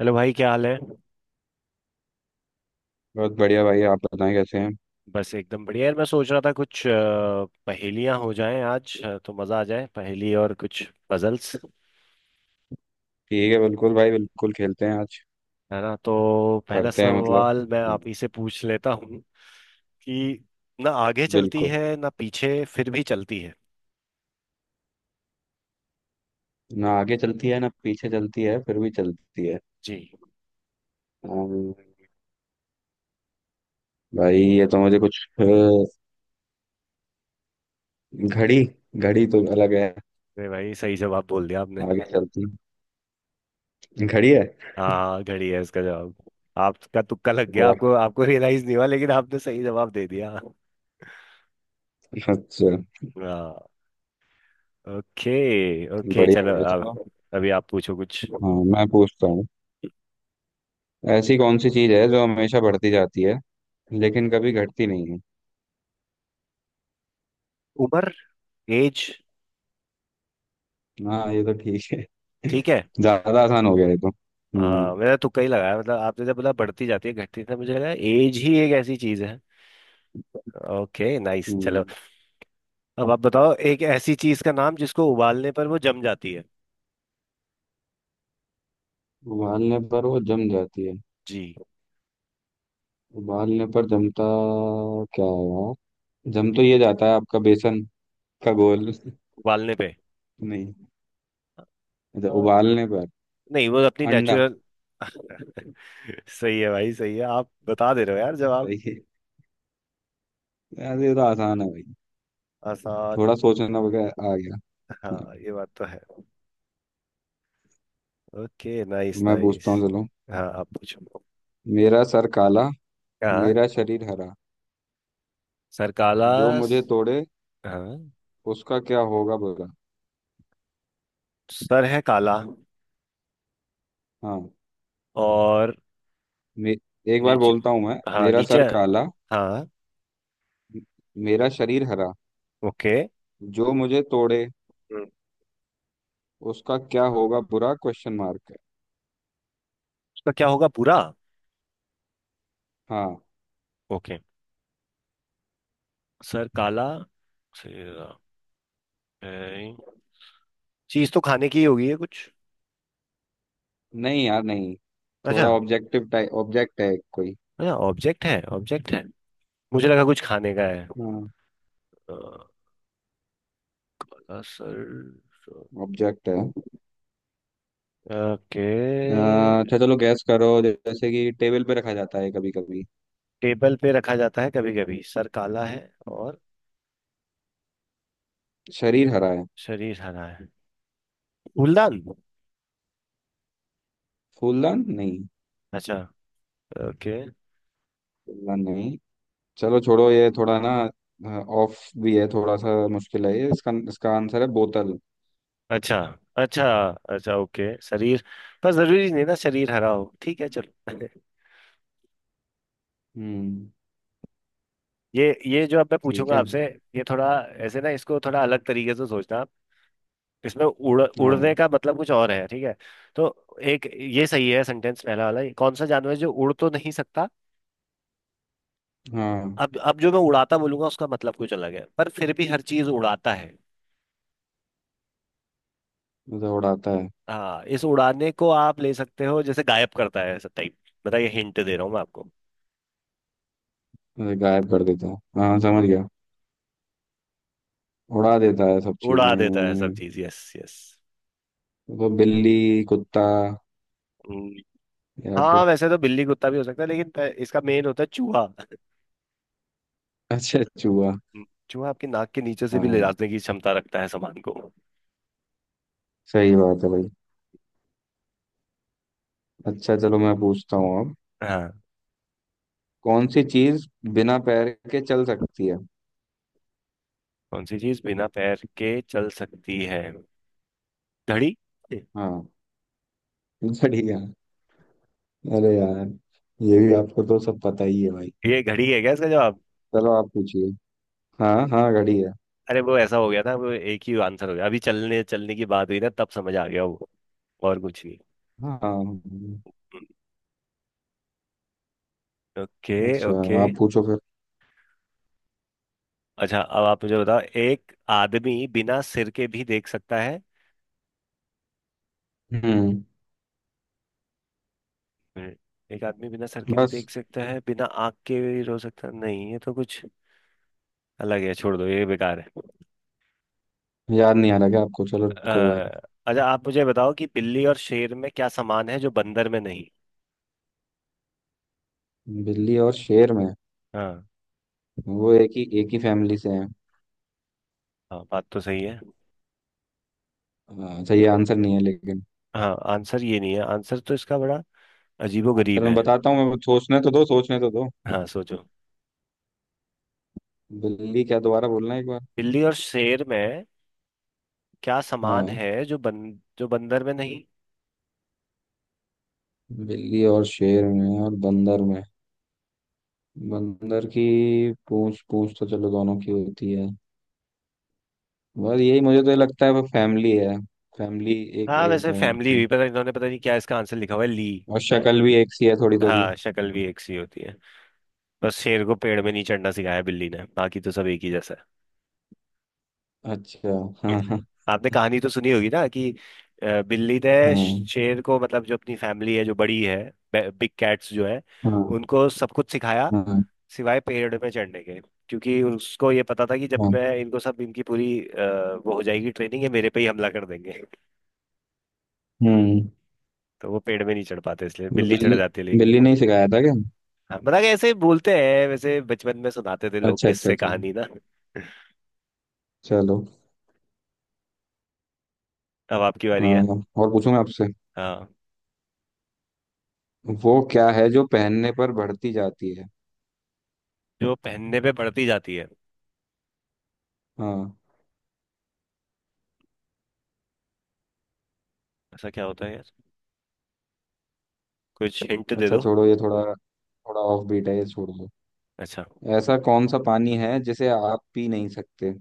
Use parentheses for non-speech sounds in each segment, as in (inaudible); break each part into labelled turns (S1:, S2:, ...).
S1: Hello भाई, क्या हाल है।
S2: बहुत बढ़िया भाई, आप बताएं कैसे हैं।
S1: बस एकदम बढ़िया यार। मैं सोच रहा था कुछ पहेलियां हो जाएं आज, तो मज़ा आ जाए। पहेली और कुछ पजल्स,
S2: ठीक है, बिल्कुल भाई, बिल्कुल खेलते हैं आज।
S1: है ना। तो पहला
S2: करते हैं मतलब।
S1: सवाल मैं
S2: हाँ,
S1: आप ही से पूछ लेता हूँ कि ना आगे चलती
S2: बिल्कुल।
S1: है ना पीछे, फिर भी चलती है।
S2: ना आगे चलती है ना पीछे चलती है, फिर भी चलती है।
S1: जी।
S2: अम्म, भाई ये तो मुझे कुछ घड़ी। घड़ी तो अलग है।
S1: अरे भाई, सही जवाब बोल दिया आपने।
S2: आगे
S1: (laughs)
S2: चलती है। घड़ी है।
S1: हाँ, घड़ी है इसका जवाब। आपका तुक्का लग गया,
S2: वाह,
S1: आपको आपको रियलाइज नहीं हुआ लेकिन आपने सही जवाब दे दिया।
S2: अच्छा।
S1: हाँ। ओके। ओके
S2: बढ़िया
S1: चलो
S2: बढ़िया चलो।
S1: अब अभी आप पूछो कुछ।
S2: हाँ मैं पूछता हूँ। ऐसी कौन सी चीज है जो हमेशा बढ़ती जाती है लेकिन कभी घटती नहीं है।
S1: उम्र। एज।
S2: हाँ ये तो ठीक है।
S1: ठीक है।
S2: (laughs) ज्यादा आसान हो गया ये तो। हम्म।
S1: हाँ, मैंने तुक्का ही लगाया। मतलब आपने जब बोला बढ़ती जाती है घटती, था मुझे लगा एज ही एक ऐसी चीज है। Okay, nice. चलो
S2: हम्म।
S1: अब आप बताओ एक ऐसी चीज का नाम जिसको उबालने पर वो जम जाती है।
S2: उबालने पर वो जम जाती है।
S1: जी।
S2: उबालने पर जमता क्या है यार। जम तो ये जाता है आपका बेसन का घोल।
S1: उबालने पे।
S2: (laughs) नहीं। अच्छा,
S1: अ,
S2: उबालने पर।
S1: नहीं, वो अपनी
S2: अंडा।
S1: नेचुरल। (laughs) सही है भाई, सही है। आप बता दे रहे हो यार जवाब।
S2: सही है यार, ये तो आसान है भाई।
S1: आसान।
S2: थोड़ा सोचना वगैरह आ गया।
S1: हाँ, ये बात तो है। ओके, नाइस
S2: मैं
S1: नाइस।
S2: पूछता हूँ चलो।
S1: हाँ, आप पूछो।
S2: मेरा सर काला,
S1: हाँ।
S2: मेरा शरीर हरा,
S1: सर काला।
S2: जो मुझे
S1: स-
S2: तोड़े,
S1: हाँ।
S2: उसका क्या होगा बुरा।
S1: सर है काला
S2: हाँ।
S1: और
S2: मे, एक बार
S1: नीचे।
S2: बोलता हूँ मैं।
S1: हाँ,
S2: मेरा
S1: नीचे।
S2: सर काला,
S1: हाँ।
S2: मेरा शरीर हरा,
S1: ओके।
S2: जो मुझे तोड़े,
S1: हम्म।
S2: उसका क्या होगा बुरा, क्वेश्चन मार्क।
S1: उसका क्या होगा भूरा।
S2: हाँ।
S1: ओके। सर काला। सिरा। चीज तो खाने की ही होगी है कुछ।
S2: नहीं यार नहीं। थोड़ा
S1: अच्छा।
S2: ऑब्जेक्टिव टाइप ऑब्जेक्ट है कोई।
S1: अच्छा, ऑब्जेक्ट है, ऑब्जेक्ट है। मुझे लगा कुछ खाने का है।
S2: हाँ,
S1: काला सर।
S2: ऑब्जेक्ट है।
S1: ओके।
S2: अ, अच्छा चलो गैस करो, जैसे कि टेबल पे रखा जाता है कभी कभी।
S1: टेबल पे रखा जाता है कभी कभी, सर काला है और
S2: शरीर हरा है।
S1: शरीर हरा है। फूलदान।
S2: फूलदान नहीं।
S1: अच्छा। ओके।
S2: फूलदान नहीं। चलो छोड़ो ये थोड़ा ना। ऑफ भी है, थोड़ा सा मुश्किल है ये। इसका इसका आंसर है बोतल।
S1: अच्छा। अच्छा। अच्छा ओके। शरीर पर जरूरी नहीं ना शरीर हरा हो, ठीक है, चलो। (laughs)
S2: हम्म।
S1: ये जो अब मैं
S2: ठीक
S1: पूछूंगा
S2: है।
S1: आपसे, ये थोड़ा ऐसे ना, इसको थोड़ा अलग तरीके से सोचना आप। इसमें उड़ उड़ने
S2: हाँ
S1: का मतलब कुछ और है, ठीक है। तो एक ये सही है सेंटेंस पहला वाला, कौन सा जानवर है जो उड़ तो नहीं सकता।
S2: हाँ।
S1: अब जो मैं उड़ाता बोलूंगा उसका मतलब कुछ अलग है, पर फिर भी हर चीज उड़ाता है।
S2: मुझे उड़ाता है।
S1: हाँ, इस उड़ाने को आप ले सकते हो जैसे गायब करता है, ऐसा टाइप। बताइए, हिंट दे रहा हूँ मैं आपको।
S2: मुझे गायब कर देता है। हाँ समझ गया। उड़ा देता है सब
S1: उड़ा देता है सब
S2: चीजें।
S1: चीज, यस यस।
S2: तो बिल्ली, कुत्ता, या
S1: हाँ,
S2: फिर।
S1: वैसे तो बिल्ली कुत्ता भी हो सकता है लेकिन इसका मेन होता है चूहा। (laughs)
S2: अच्छा, चूहा।
S1: चूहा आपकी नाक के नीचे से भी ले
S2: हाँ।
S1: जाने की क्षमता रखता है सामान को।
S2: सही बात है भाई। अच्छा चलो मैं पूछता हूँ अब।
S1: हाँ।
S2: कौन सी चीज बिना पैर के चल सकती है।
S1: कौन सी चीज बिना पैर के चल सकती है। घड़ी।
S2: हाँ, बढ़िया। अरे यार, ये भी आपको तो सब पता ही है भाई।
S1: ये घड़ी है क्या इसका जवाब।
S2: चलो आप पूछिए। हाँ हाँ, घड़ी है।
S1: अरे वो ऐसा हो गया था, वो एक ही आंसर हो गया। अभी चलने चलने की बात हुई ना, तब समझ आ गया वो। और कुछ नहीं।
S2: हाँ।
S1: हम्म। ओके।
S2: अच्छा।
S1: ओके।
S2: आप पूछो फिर।
S1: अच्छा, अब आप मुझे बताओ, एक आदमी बिना सिर के भी देख सकता है।
S2: हम्म।
S1: मिनट। एक आदमी बिना सर के भी
S2: बस।
S1: देख सकता है, बिना आँख के भी रो सकता है। नहीं, ये तो कुछ अलग है। छोड़ दो, ये बेकार है।
S2: याद नहीं आ रहा क्या आपको, चलो
S1: अ,
S2: कोई बात
S1: अच्छा आप मुझे बताओ कि बिल्ली और शेर में क्या समान है जो बंदर में नहीं।
S2: नहीं। बिल्ली और शेर में
S1: हाँ।
S2: वो एक ही फैमिली से हैं।
S1: हाँ, बात तो सही है।
S2: अच्छा, ये आंसर नहीं है लेकिन।
S1: हाँ, आंसर ये नहीं है। आंसर तो इसका बड़ा
S2: आंसर
S1: अजीबोगरीब
S2: मैं
S1: है।
S2: बताता हूँ, मैं सोचने तो दो, सोचने तो दो।
S1: हाँ, सोचो।
S2: बिल्ली क्या, दोबारा बोलना एक बार।
S1: बिल्ली और शेर में क्या समान
S2: हाँ।
S1: है जो बन जो बंदर में नहीं।
S2: बिल्ली और शेर में और बंदर में। बंदर की पूंछ, पूंछ तो चलो दोनों की होती है। बस यही मुझे तो ये लगता है वो फैमिली है। फैमिली एक
S1: हाँ,
S2: एक
S1: वैसे
S2: है
S1: फैमिली
S2: उनकी।
S1: भी पता, इन्होंने पता नहीं क्या इसका आंसर लिखा हुआ है ली।
S2: और शक्ल भी एक सी है, थोड़ी थोड़ी।
S1: हाँ, शक्ल भी एक सी होती है। बस शेर को पेड़ में नहीं चढ़ना सिखाया बिल्ली ने, बाकी तो सब एक ही जैसा
S2: अच्छा।
S1: है।
S2: हाँ हाँ।
S1: आपने
S2: हाँ।
S1: कहानी तो सुनी होगी ना कि बिल्ली ने शेर को, मतलब जो अपनी फैमिली है जो बड़ी है, बिग कैट्स जो है,
S2: हाँ।
S1: उनको सब कुछ सिखाया,
S2: हाँ।
S1: सिवाय पेड़ में चढ़ने के। क्योंकि उसको ये पता था कि जब
S2: हाँ,
S1: मैं इनको सब इनकी पूरी वो हो जाएगी, ट्रेनिंग है, मेरे पे ही हमला कर देंगे।
S2: हम्म।
S1: (laughs) तो वो पेड़ में नहीं चढ़ पाते, इसलिए बिल्ली चढ़
S2: बिल्ली।
S1: जाती है लेकिन।
S2: बिल्ली ने ही सिखाया था क्या।
S1: हाँ, मतलब कि ऐसे बोलते हैं, वैसे बचपन में सुनाते थे लोग
S2: अच्छा अच्छा
S1: किससे
S2: चलो।
S1: कहानी ना। (laughs)
S2: चलो।
S1: अब आपकी बारी है।
S2: हाँ, और पूछूंगा आपसे।
S1: हाँ।
S2: वो क्या है जो पहनने पर बढ़ती जाती है।
S1: जो पहनने पे बढ़ती जाती है,
S2: हाँ।
S1: ऐसा क्या होता है यार। कुछ हिंट दे
S2: अच्छा
S1: दो।
S2: छोड़ो ये थोड़ा। थोड़ा ऑफ बीट है ये, छोड़ दो।
S1: अच्छा।
S2: ऐसा कौन सा पानी है जिसे आप पी नहीं सकते।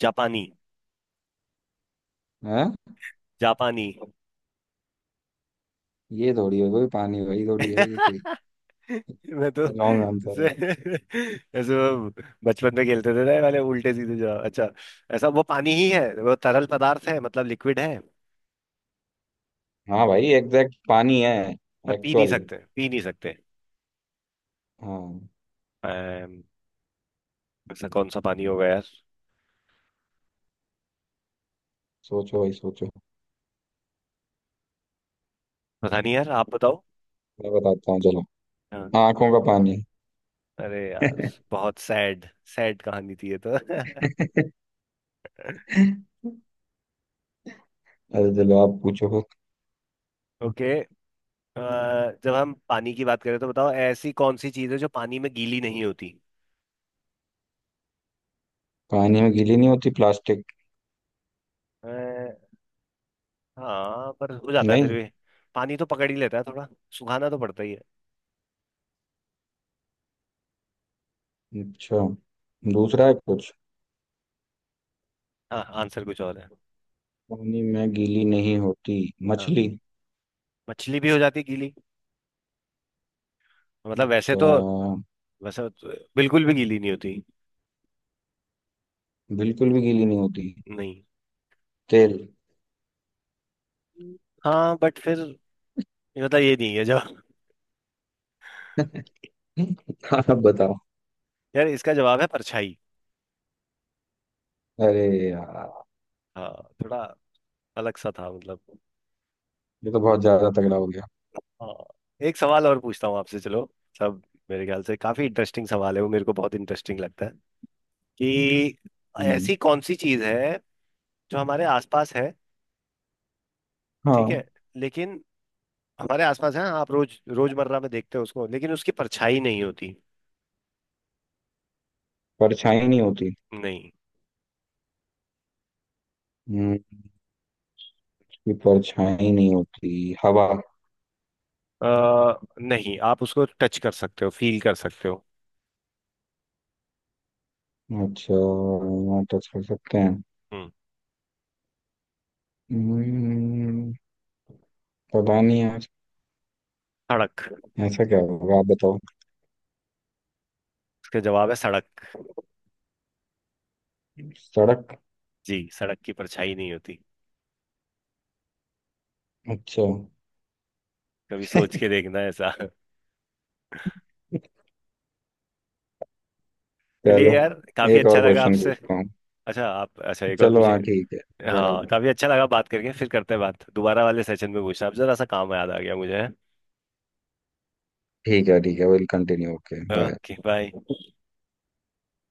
S1: जापानी।
S2: हैं।
S1: जापानी।
S2: ये थोड़ी है कोई पानी भाई, थोड़ी है ये कोई
S1: (laughs) मैं तो
S2: लॉन्ग आंसर है
S1: ऐसे
S2: भाई।
S1: (laughs) ऐसे वो बचपन में खेलते थे ना ये वाले उल्टे सीधे जवाब। अच्छा, ऐसा वो पानी ही है, वो तरल पदार्थ है, मतलब लिक्विड है।
S2: हाँ भाई, एग्जैक्ट पानी है।
S1: पर पी नहीं
S2: एक्चुअल।
S1: सकते, पी नहीं सकते।
S2: हाँ।
S1: अम, ऐसा कौन सा पानी होगा यार।
S2: सोचो भाई सोचो।
S1: पता नहीं यार, आप बताओ।
S2: मैं बताता हूँ चलो।
S1: हाँ।
S2: आंखों का पानी।
S1: अरे यार, बहुत सैड। सैड कहानी थी ये तो।
S2: (laughs)
S1: (laughs)
S2: अरे चलो आप पूछो कुछ।
S1: ओके। अ, जब हम पानी की बात करें तो बताओ, ऐसी कौन सी चीज़ है जो पानी में गीली नहीं होती।
S2: पानी में गीली नहीं होती, प्लास्टिक।
S1: अ, हाँ, पर हो जाता है फिर
S2: नहीं।
S1: भी। पानी तो पकड़ ही लेता है थोड़ा, सुखाना तो पड़ता ही है।
S2: अच्छा, दूसरा है कुछ।
S1: हाँ, आंसर कुछ और है।
S2: पानी में गीली नहीं होती,
S1: हाँ,
S2: मछली।
S1: मछली भी हो जाती है गीली। मतलब वैसे
S2: अच्छा।
S1: तो, वैसे तो बिल्कुल भी गीली नहीं होती।
S2: बिल्कुल भी गीली नहीं होती,
S1: नहीं।
S2: तेल।
S1: हाँ बट फिर, ये मतलब ये नहीं है जवाब।
S2: (laughs) आप बताओ।
S1: यार इसका जवाब है परछाई।
S2: अरे यार,
S1: हाँ, थोड़ा अलग सा था मतलब।
S2: ये तो बहुत ज्यादा तगड़ा हो गया।
S1: हाँ, एक सवाल और पूछता हूँ आपसे, चलो। सब, मेरे ख्याल से काफी इंटरेस्टिंग सवाल है, वो मेरे को बहुत इंटरेस्टिंग लगता है कि
S2: हम्म।
S1: ऐसी कौन सी चीज है जो हमारे आसपास है। ठीक है।
S2: हाँ।
S1: लेकिन हमारे आसपास है, आप रोज रोजमर्रा में देखते हो उसको, लेकिन उसकी परछाई नहीं होती।
S2: परछाई नहीं होती।
S1: नहीं।
S2: हम्म। इसकी परछाई नहीं होती, हवा।
S1: आ, नहीं, आप उसको टच कर सकते हो, फील कर सकते हो।
S2: अच्छा, यहाँ टच कर सकते हैं।
S1: हम्म।
S2: हम्म। पता नहीं यार,
S1: सड़क।
S2: ऐसा क्या होगा आप बताओ।
S1: उसका जवाब है सड़क।
S2: सड़क।
S1: जी, सड़क की परछाई नहीं होती।
S2: अच्छा।
S1: कभी सोच के
S2: (laughs)
S1: देखना ऐसा। चलिए
S2: चलो।
S1: यार, काफी
S2: एक
S1: अच्छा
S2: और
S1: लगा
S2: क्वेश्चन
S1: आपसे।
S2: पूछता हूँ।
S1: अच्छा, आप अच्छा एक और
S2: चलो
S1: पूछें।
S2: हाँ, ठीक है अगर
S1: हाँ,
S2: आप।
S1: काफी अच्छा लगा बात करके, फिर करते हैं बात दोबारा वाले सेशन में, पूछना आप। जरा सा काम याद आ गया मुझे।
S2: ठीक है ठीक है, will continue, okay bye.
S1: Okay bye।